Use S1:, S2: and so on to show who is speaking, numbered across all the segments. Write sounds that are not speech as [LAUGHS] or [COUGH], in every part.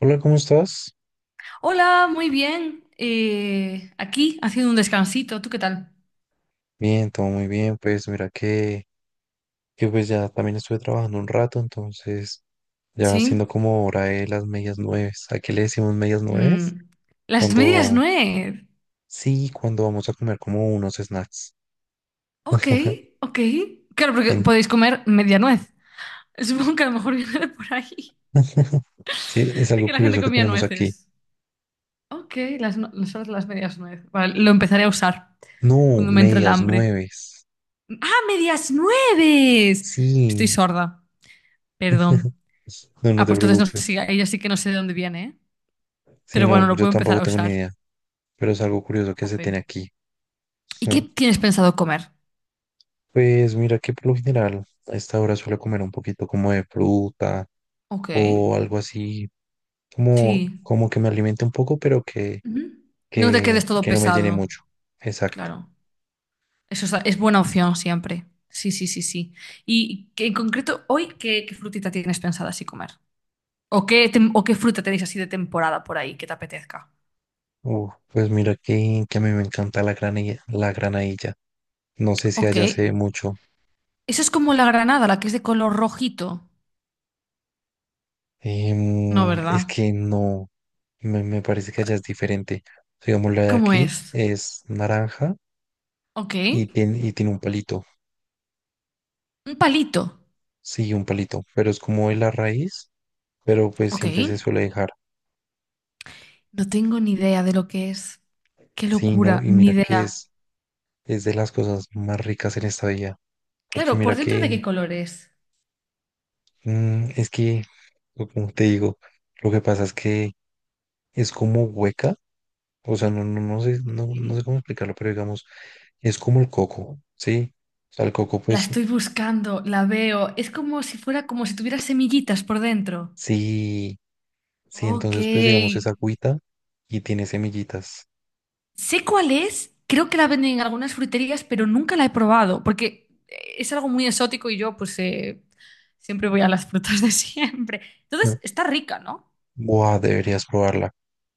S1: Hola, ¿cómo estás?
S2: Hola, muy bien. Aquí haciendo un descansito. ¿Tú qué tal?
S1: Bien, todo muy bien. Pues mira que pues ya también estuve trabajando un rato, entonces ya siendo
S2: Sí.
S1: como hora de las medias nueves. ¿A qué le decimos medias nueves?
S2: Mm, Las medias
S1: Cuando,
S2: nuez.
S1: sí, cuando vamos a comer como unos snacks.
S2: Ok, ok. Claro, porque
S1: En-
S2: podéis comer media nuez. [LAUGHS] Supongo que a lo mejor viene de por ahí,
S1: [LAUGHS] Sí, es
S2: [LAUGHS] de
S1: algo
S2: que la gente
S1: curioso que
S2: comía
S1: tenemos aquí.
S2: nueces. Ok, las, no- las medias nuez. Vale, lo empezaré a usar
S1: No,
S2: cuando me entre el
S1: medias
S2: hambre.
S1: nueves.
S2: ¡Ah, medias nueves! Estoy
S1: Sí.
S2: sorda,
S1: [LAUGHS]
S2: perdón.
S1: No, no
S2: Ah,
S1: te
S2: pues entonces no, sí,
S1: preocupes.
S2: ella sí que no sé de dónde viene, ¿eh?
S1: Sí,
S2: Pero bueno,
S1: no,
S2: lo
S1: yo
S2: puedo empezar
S1: tampoco
S2: a
S1: tengo ni
S2: usar.
S1: idea, pero es algo curioso que se
S2: Jope.
S1: tiene aquí.
S2: ¿Y qué
S1: [LAUGHS]
S2: tienes pensado comer?
S1: Pues mira que por lo general a esta hora suelo comer un poquito como de fruta
S2: Ok,
S1: o algo así, como,
S2: sí.
S1: como que me alimente un poco, pero que,
S2: Ujú. No te
S1: que,
S2: quedes todo
S1: que no me llene
S2: pesado,
S1: mucho. Exacto.
S2: claro. Eso es buena opción siempre. Sí, sí, sí, sí. ¿Y en concreto hoy qué frutita tienes pensada así comer? ¿O qué fruta tenéis así de temporada por ahí que te apetezca?
S1: Uf, pues mira que a mí me encanta la granadilla. No sé si
S2: Ok.
S1: allá se ve mucho.
S2: Eso es como la granada, la que es de color rojito. No,
S1: Es
S2: ¿verdad?
S1: que no, me parece que allá es diferente. Digamos, la de
S2: ¿Cómo
S1: aquí
S2: es?
S1: es naranja
S2: Ok.
S1: y tiene un palito.
S2: Un palito.
S1: Sí, un palito, pero es como de la raíz, pero pues
S2: Ok.
S1: siempre se suele dejar.
S2: No tengo ni idea de lo que es. Qué
S1: Sí, no,
S2: locura,
S1: y
S2: ni
S1: mira que
S2: idea.
S1: es de las cosas más ricas en esta vida, porque
S2: Claro, ¿por
S1: mira
S2: dentro de qué
S1: que
S2: color es?
S1: es que, o como te digo, lo que pasa es que es como hueca. O sea, no, no, no sé, no, no sé
S2: Sí.
S1: cómo explicarlo, pero digamos, es como el coco, ¿sí? O sea, el coco,
S2: La
S1: pues,
S2: estoy buscando, la veo. Es como si tuviera semillitas por dentro.
S1: sí, sí,
S2: Ok.
S1: entonces, pues, digamos, es agüita y tiene semillitas.
S2: Sé cuál es. Creo que la venden en algunas fruterías, pero nunca la he probado porque es algo muy exótico y yo pues siempre voy a las frutas de [LAUGHS] siempre. Entonces,
S1: ¿No?
S2: está rica, ¿no?
S1: Buah, deberías probarla.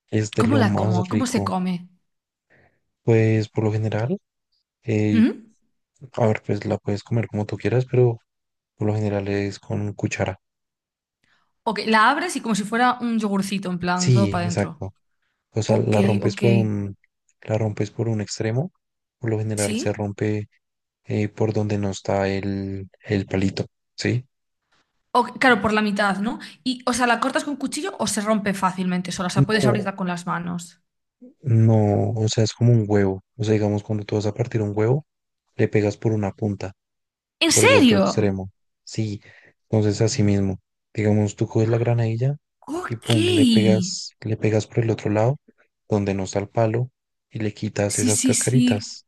S1: Es de
S2: ¿Cómo
S1: lo
S2: la
S1: más
S2: como? ¿Cómo se
S1: rico.
S2: come?
S1: Pues, por lo general, eh,
S2: ¿Mm?
S1: a ver, pues la puedes comer como tú quieras, pero por lo general es con cuchara.
S2: Ok, la abres y como si fuera un yogurcito, en plan, todo
S1: Sí,
S2: para adentro.
S1: exacto. O sea,
S2: Ok, ok.
S1: la rompes por un extremo. Por lo general se
S2: ¿Sí?
S1: rompe por donde no está el palito, ¿sí?
S2: Claro, por la mitad, ¿no? Y, o sea, la cortas con cuchillo o se rompe fácilmente sola, o sea, puedes
S1: No,
S2: abrirla con las manos.
S1: no, o sea, es como un huevo. O sea, digamos, cuando tú vas a partir un huevo, le pegas por una punta,
S2: ¿En
S1: por el otro
S2: serio?
S1: extremo. Sí, entonces así mismo. Digamos, tú coges la granadilla y
S2: Ok.
S1: pum, le
S2: Sí,
S1: pegas, le pegas por el otro lado, donde no está el palo, y le quitas
S2: sí,
S1: esas
S2: sí.
S1: cascaritas.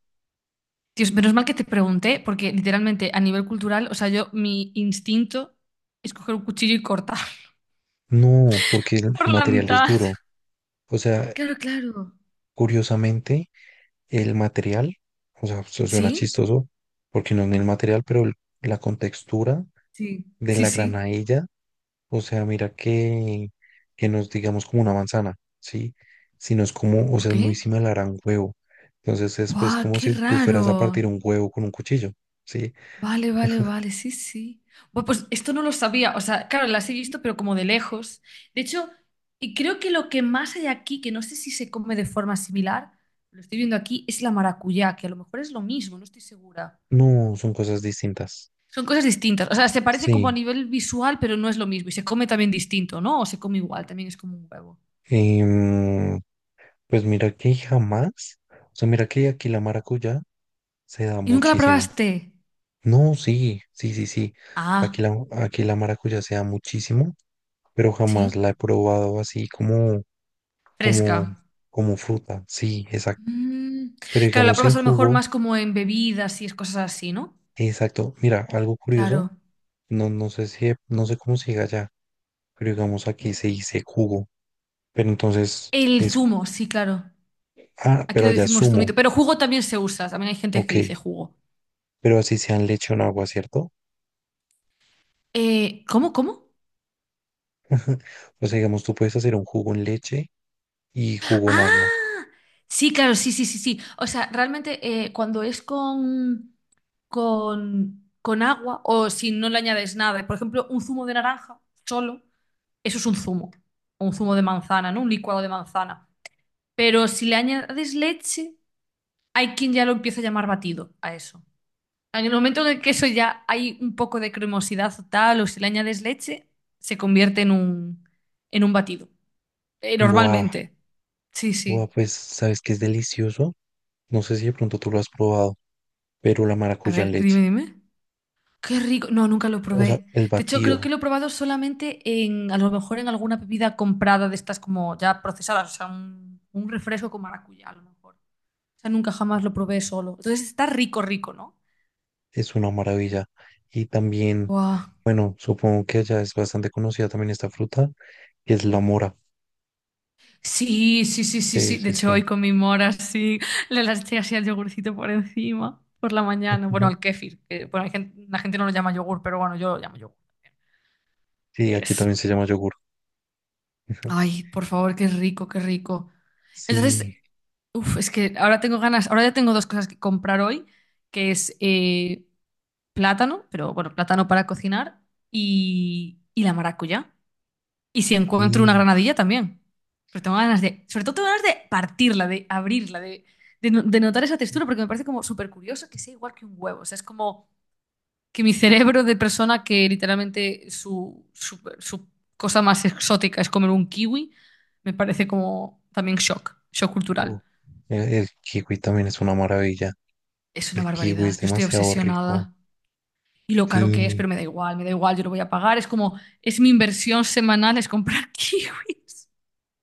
S2: Dios, menos mal que te pregunté, porque literalmente a nivel cultural, o sea, mi instinto es coger un cuchillo y cortar
S1: No, porque el,
S2: [LAUGHS]
S1: el
S2: por la
S1: material es
S2: mitad.
S1: duro. O sea,
S2: Claro, claro.
S1: curiosamente, el material, o sea, eso suena
S2: ¿Sí?
S1: chistoso, porque no es ni el material, pero la contextura
S2: Sí,
S1: de
S2: sí,
S1: la
S2: sí.
S1: granadilla. O sea, mira que nos digamos, como una manzana, ¿sí? Sino es como, o sea,
S2: Ok.
S1: es muy similar a un huevo. Entonces es pues
S2: ¡Buah,
S1: como
S2: qué
S1: si tú fueras
S2: raro!
S1: a partir un huevo con un cuchillo, ¿sí?
S2: Vale, vale, vale, sí, sí. Bueno, pues esto no lo sabía, o sea, claro, las he visto, pero como de lejos. De hecho, y creo que lo que más hay aquí, que no sé si se come de forma similar, lo estoy viendo aquí, es la maracuyá, que a lo mejor es lo mismo, no estoy segura.
S1: No, son cosas distintas.
S2: Son cosas distintas, o sea, se parece como a
S1: Sí.
S2: nivel visual, pero no es lo mismo. Y se come también distinto, ¿no? O se come igual, también es como un huevo.
S1: em, pues mira que jamás, o sea, mira que aquí la maracuyá se da
S2: ¿Y nunca la
S1: muchísimo.
S2: probaste?
S1: No, sí, sí, sí, sí. Aquí
S2: Ah,
S1: la, aquí la maracuyá se da muchísimo, pero
S2: sí.
S1: jamás la he probado así como,
S2: Fresca.
S1: como, como fruta. Sí, exacto.
S2: Mm,
S1: Pero
S2: Claro, la
S1: digamos
S2: pruebas
S1: en
S2: a lo mejor
S1: jugo,
S2: más como en bebidas y es cosas así, ¿no?
S1: exacto. Mira, algo curioso,
S2: Claro.
S1: no, no sé si, no sé cómo se diga allá, pero digamos aquí se dice jugo, pero entonces
S2: El
S1: es,
S2: zumo, sí, claro.
S1: ah,
S2: Aquí
S1: pero
S2: lo
S1: allá es
S2: decimos
S1: zumo.
S2: zumito, pero jugo también se usa. También hay gente
S1: Ok,
S2: que dice jugo.
S1: pero así sea en leche o en agua, ¿cierto?
S2: ¿Cómo?
S1: O sea, digamos, tú puedes hacer un jugo en leche y jugo en agua.
S2: Ah, sí, claro, sí, sí, sí, sí. O sea, realmente cuando es con agua o si no le añades nada, por ejemplo, un zumo de naranja solo, eso es un zumo. O un zumo de manzana, ¿no? Un licuado de manzana. Pero si le añades leche, hay quien ya lo empieza a llamar batido a eso. En el momento en el que eso ya hay un poco de cremosidad o tal, o si le añades leche, se convierte en un batido.
S1: Buah,
S2: Normalmente. Sí,
S1: buah,
S2: sí.
S1: pues, ¿sabes qué es delicioso? No sé si de pronto tú lo has probado, pero la
S2: A
S1: maracuyá en
S2: ver,
S1: leche,
S2: dime, dime. Qué rico. No, nunca lo
S1: o sea,
S2: probé.
S1: el
S2: De hecho, creo que
S1: batido
S2: lo he probado solamente a lo mejor en alguna bebida comprada de estas como ya procesadas, o sea, un refresco con maracuyá, a lo mejor. O sea, nunca jamás lo probé solo. Entonces está rico, rico, ¿no?
S1: es una maravilla. Y también,
S2: Buah.
S1: bueno, supongo que allá es bastante conocida también esta fruta, es la mora.
S2: Sí, sí, sí, sí,
S1: Sí,
S2: sí. De
S1: sí,
S2: hecho,
S1: sí.
S2: hoy con mi mora, sí, le las eché así al yogurcito por encima, por la mañana. Bueno,
S1: Ujú.
S2: al kéfir, que, bueno, la gente no lo llama yogur, pero bueno, yo lo llamo yogur.
S1: Sí, aquí
S2: Es.
S1: también se llama yogur. Ujú.
S2: Ay, por favor, qué rico, qué rico. Entonces,
S1: Sí,
S2: uf, es que ahora tengo ganas, ahora ya tengo dos cosas que comprar hoy, que es plátano, pero bueno, plátano para cocinar y la maracuyá. Y si encuentro una
S1: sí.
S2: granadilla también. Pero tengo ganas de, sobre todo tengo ganas de partirla, de abrirla, de no- de notar esa textura, porque me parece como súper curioso que sea igual que un huevo. O sea, es como que mi cerebro de persona que literalmente su cosa más exótica es comer un kiwi, me parece como también shock, shock
S1: Uh,
S2: cultural.
S1: el kiwi también es una maravilla.
S2: Es una
S1: El kiwi es
S2: barbaridad, yo estoy
S1: demasiado rico.
S2: obsesionada. Y lo caro que es,
S1: Sí,
S2: pero me da igual, yo lo voy a pagar. Es como, es mi inversión semanal, es comprar [LAUGHS] kiwis.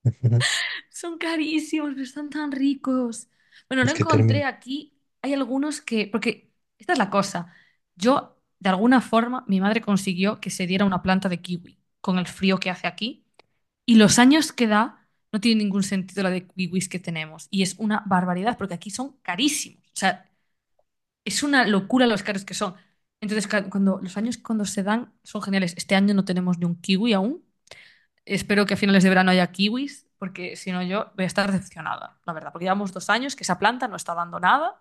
S1: ujú.
S2: Son carísimos, pero están tan ricos. Bueno,
S1: Es
S2: lo
S1: que termina.
S2: encontré aquí. Hay algunos que, porque esta es la cosa. De alguna forma, mi madre consiguió que se diera una planta de kiwi con el frío que hace aquí. Y los años que da, no tiene ningún sentido la de kiwis que tenemos. Y es una barbaridad, porque aquí son carísimos. O sea, es una locura los caros que son. Entonces, cuando los años cuando se dan son geniales. Este año no tenemos ni un kiwi aún. Espero que a finales de verano haya kiwis, porque si no yo voy a estar decepcionada, la verdad, porque llevamos 2 años que esa planta no está dando nada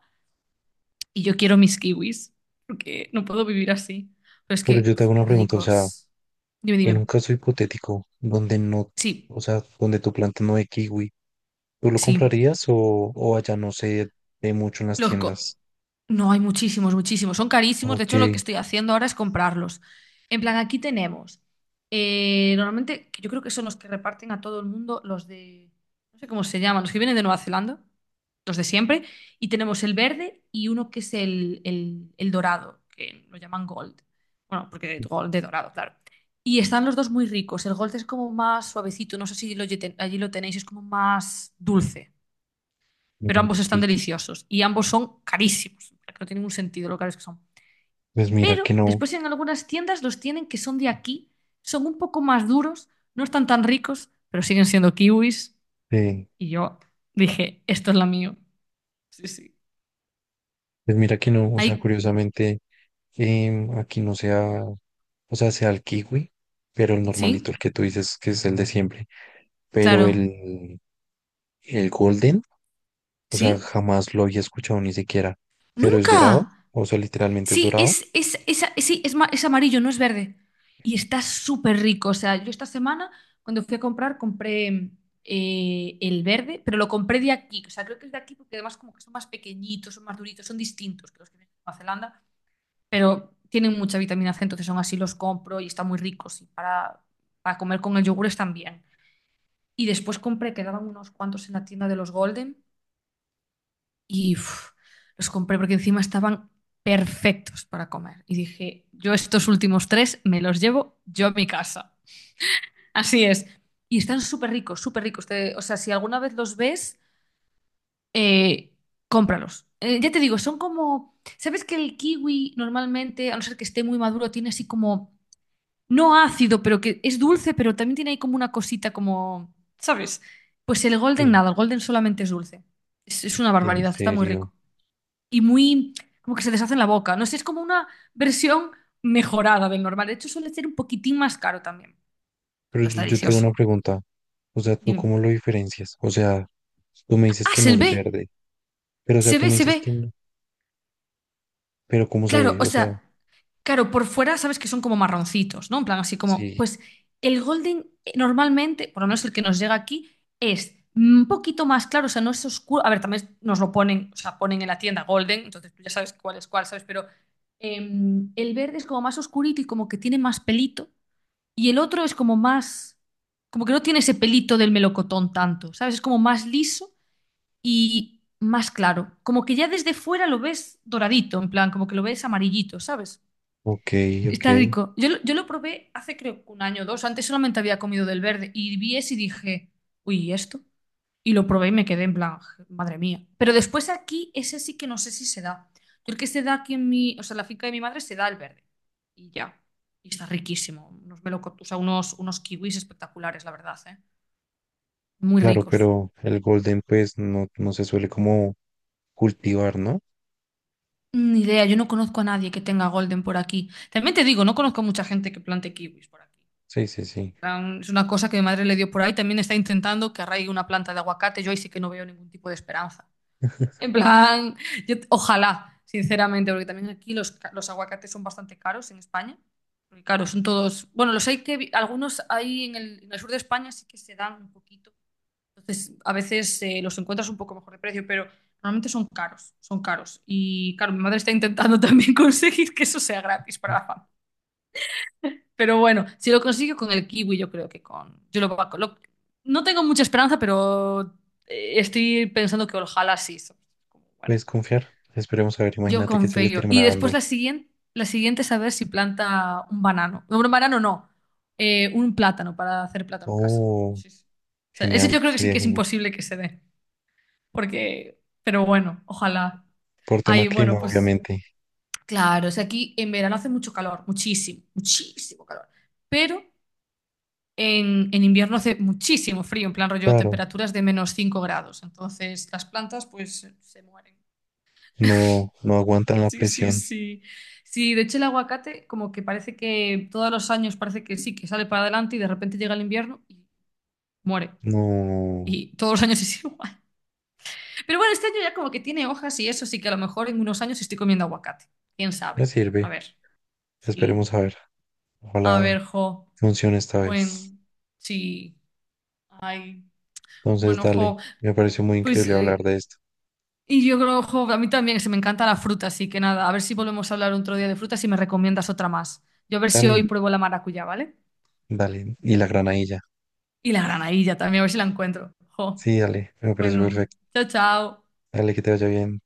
S2: y yo quiero mis kiwis, porque no puedo vivir así. Pero es
S1: Pero
S2: que,
S1: yo te
S2: uf,
S1: hago una
S2: qué
S1: pregunta, o sea,
S2: ricos. Dime,
S1: en
S2: dime.
S1: un caso hipotético donde no,
S2: Sí,
S1: o sea, donde tu planta no de kiwi, ¿tú lo
S2: sí.
S1: comprarías o allá no sé de mucho en las
S2: Los co-
S1: tiendas?
S2: No, hay muchísimos, muchísimos. Son carísimos. De
S1: Ok,
S2: hecho, lo que estoy haciendo ahora es comprarlos. En plan, aquí tenemos, normalmente, que yo creo que son los que reparten a todo el mundo, los de. No sé cómo se llaman, los que vienen de Nueva Zelanda, los de siempre. Y tenemos el verde y uno que es el dorado, que lo llaman gold. Bueno, porque de gold, de dorado, claro. Y están los dos muy ricos. El gold es como más suavecito. No sé si allí lo tenéis, es como más dulce pero
S1: mm,
S2: ambos están
S1: pues,
S2: deliciosos y ambos son carísimos, no tiene ningún sentido lo caros que son.
S1: pues mira
S2: Pero
S1: que no,
S2: después en algunas tiendas los tienen que son de aquí, son un poco más duros, no están tan ricos, pero siguen siendo kiwis.
S1: eh,
S2: Y yo dije, esto es la mío. Sí, sí.
S1: pues mira que no, o sea,
S2: Hay.
S1: curiosamente aquí no sea, o sea, sea el kiwi, pero el normalito,
S2: ¿Sí?
S1: el que tú dices que es el de siempre. Pero
S2: Claro.
S1: el golden, o sea,
S2: ¿Sí?
S1: jamás lo había escuchado ni siquiera. Pero es dorado,
S2: ¡Nunca!
S1: o sea, literalmente es
S2: Sí,
S1: dorado.
S2: sí, es amarillo, no es verde. Y está súper rico. O sea, yo esta semana, cuando fui a comprar, compré el verde, pero lo compré de aquí. O sea, creo que es de aquí porque además como que son más pequeñitos, son más duritos, son distintos que los que vienen de Nueva Zelanda, pero tienen mucha vitamina C, entonces son así, los compro y están muy ricos. Y para comer con el yogur están bien. Y después compré, quedaban unos cuantos en la tienda de los Golden y uf, los compré porque encima estaban perfectos para comer. Y dije, yo estos últimos tres me los llevo yo a mi casa. Así es. Y están súper ricos, súper ricos. O sea, si alguna vez los ves, eh, cómpralos. Ya te digo, son como. ¿Sabes que el kiwi normalmente, a no ser que esté muy maduro, tiene así como. No ácido, pero que es dulce, pero también tiene ahí como una cosita como. ¿Sabes? Pues el golden
S1: Sí.
S2: nada, el golden solamente es dulce. Es una
S1: En
S2: barbaridad, está muy
S1: serio.
S2: rico y muy, como que se deshace en la boca. No sé, es como una versión mejorada del normal. De hecho, suele ser un poquitín más caro también,
S1: Pero
S2: pero
S1: yo,
S2: está
S1: yo tengo
S2: delicioso.
S1: una pregunta. O sea, ¿tú
S2: Dime,
S1: cómo lo diferencias? O sea, tú me dices
S2: ah,
S1: que no
S2: se
S1: es
S2: ve,
S1: verde, pero o sea,
S2: se
S1: tú
S2: ve,
S1: me
S2: se
S1: dices
S2: ve.
S1: que no, pero ¿cómo se
S2: Claro,
S1: ve?
S2: o
S1: O sea,
S2: sea, claro, por fuera sabes que son como marroncitos, ¿no? En plan, así como,
S1: sí,
S2: pues el golden normalmente, por lo menos el que nos llega aquí, es un poquito más claro, o sea, no es oscuro. A ver, también nos lo ponen, o sea, ponen en la tienda golden, entonces tú ya sabes cuál es cuál, ¿sabes? Pero el verde es como más oscurito y como que tiene más pelito. Y el otro es como que no tiene ese pelito del melocotón tanto, ¿sabes? Es como más liso y más claro. Como que ya desde fuera lo ves doradito, en plan, como que lo ves amarillito, ¿sabes?
S1: ok, ok.
S2: Está rico. Yo lo probé hace creo que un año o dos. Antes solamente había comido del verde y vi ese y dije, uy, ¿y esto? Y lo probé y me quedé en plan, madre mía. Pero después aquí, ese sí que no sé si se da. Yo el que se da aquí en mi, o sea, en la finca de mi madre se da el verde. Y ya. Y está riquísimo. Unos melocot- o sea, unos, unos kiwis espectaculares, la verdad, ¿eh? Muy
S1: Claro,
S2: ricos.
S1: pero el golden pues no, no se suele como cultivar, ¿no?
S2: Ni idea, yo no conozco a nadie que tenga golden por aquí. También te digo, no conozco a mucha gente que plante kiwis por aquí.
S1: Sí, sí,
S2: En
S1: sí.
S2: plan, es una cosa que mi madre le dio por ahí. También está intentando que arraigue una planta de aguacate. Yo ahí sí que no veo ningún tipo de esperanza. En plan, ojalá, sinceramente, porque también aquí los aguacates son bastante caros en España. Porque claro, son todos, bueno, los hay que, algunos hay en el sur de España sí que se dan un poquito. Entonces, a veces los encuentras un poco mejor de precio, pero normalmente son caros, son caros. Y claro, mi madre está intentando [LAUGHS] también conseguir que eso sea gratis para la familia. Pero bueno, si lo consigo con el kiwi, yo creo que con, yo lo, va- lo- no tengo mucha esperanza, pero estoy pensando que ojalá sí. Como, bueno.
S1: ¿Puedes confiar? Esperemos a ver,
S2: Yo
S1: imagínate que
S2: con
S1: se le
S2: Feyo.
S1: termina
S2: Y después
S1: dando.
S2: la siguiente, es a ver si planta un banano. No, un banano no. Un plátano para hacer plátano en casa.
S1: Oh,
S2: Sí, sí. O sea, eso yo
S1: genial,
S2: creo que sí
S1: sería
S2: que es
S1: genial.
S2: imposible que se dé. Porque, pero bueno, ojalá.
S1: Por tema
S2: Ay, bueno,
S1: clima,
S2: pues
S1: obviamente.
S2: claro, o sea, aquí en verano hace mucho calor, muchísimo, muchísimo calor. Pero en invierno hace muchísimo frío, en plan rollo
S1: Claro,
S2: temperaturas de -5 grados. Entonces las plantas pues se mueren.
S1: no, no aguantan la
S2: Sí, sí,
S1: presión.
S2: sí. Sí, de hecho el aguacate como que parece que todos los años parece que sí, que sale para adelante y de repente llega el invierno y muere.
S1: No,
S2: Y todos los años [LAUGHS] es igual. Pero bueno, este año ya como que tiene hojas y eso, sí que a lo mejor en unos años estoy comiendo aguacate. ¿Quién
S1: me
S2: sabe? A
S1: sirve.
S2: ver, sí.
S1: Esperemos a ver.
S2: A ver,
S1: Ojalá
S2: jo.
S1: funcione esta
S2: Bueno,
S1: vez.
S2: sí. Ay.
S1: Entonces,
S2: Bueno,
S1: dale,
S2: jo.
S1: me pareció muy
S2: Pues,
S1: increíble hablar de esto.
S2: y yo creo, jo, a mí también se me encanta la fruta, así que nada, a ver si volvemos a hablar otro día de frutas y me recomiendas otra más. Yo a ver si
S1: Dale,
S2: hoy pruebo la maracuyá, ¿vale?
S1: dale, y la granadilla.
S2: Y la granadilla también, a ver si la encuentro. Jo,
S1: Sí, dale, me parece
S2: bueno,
S1: perfecto.
S2: chao, chao.
S1: Dale, que te vaya bien.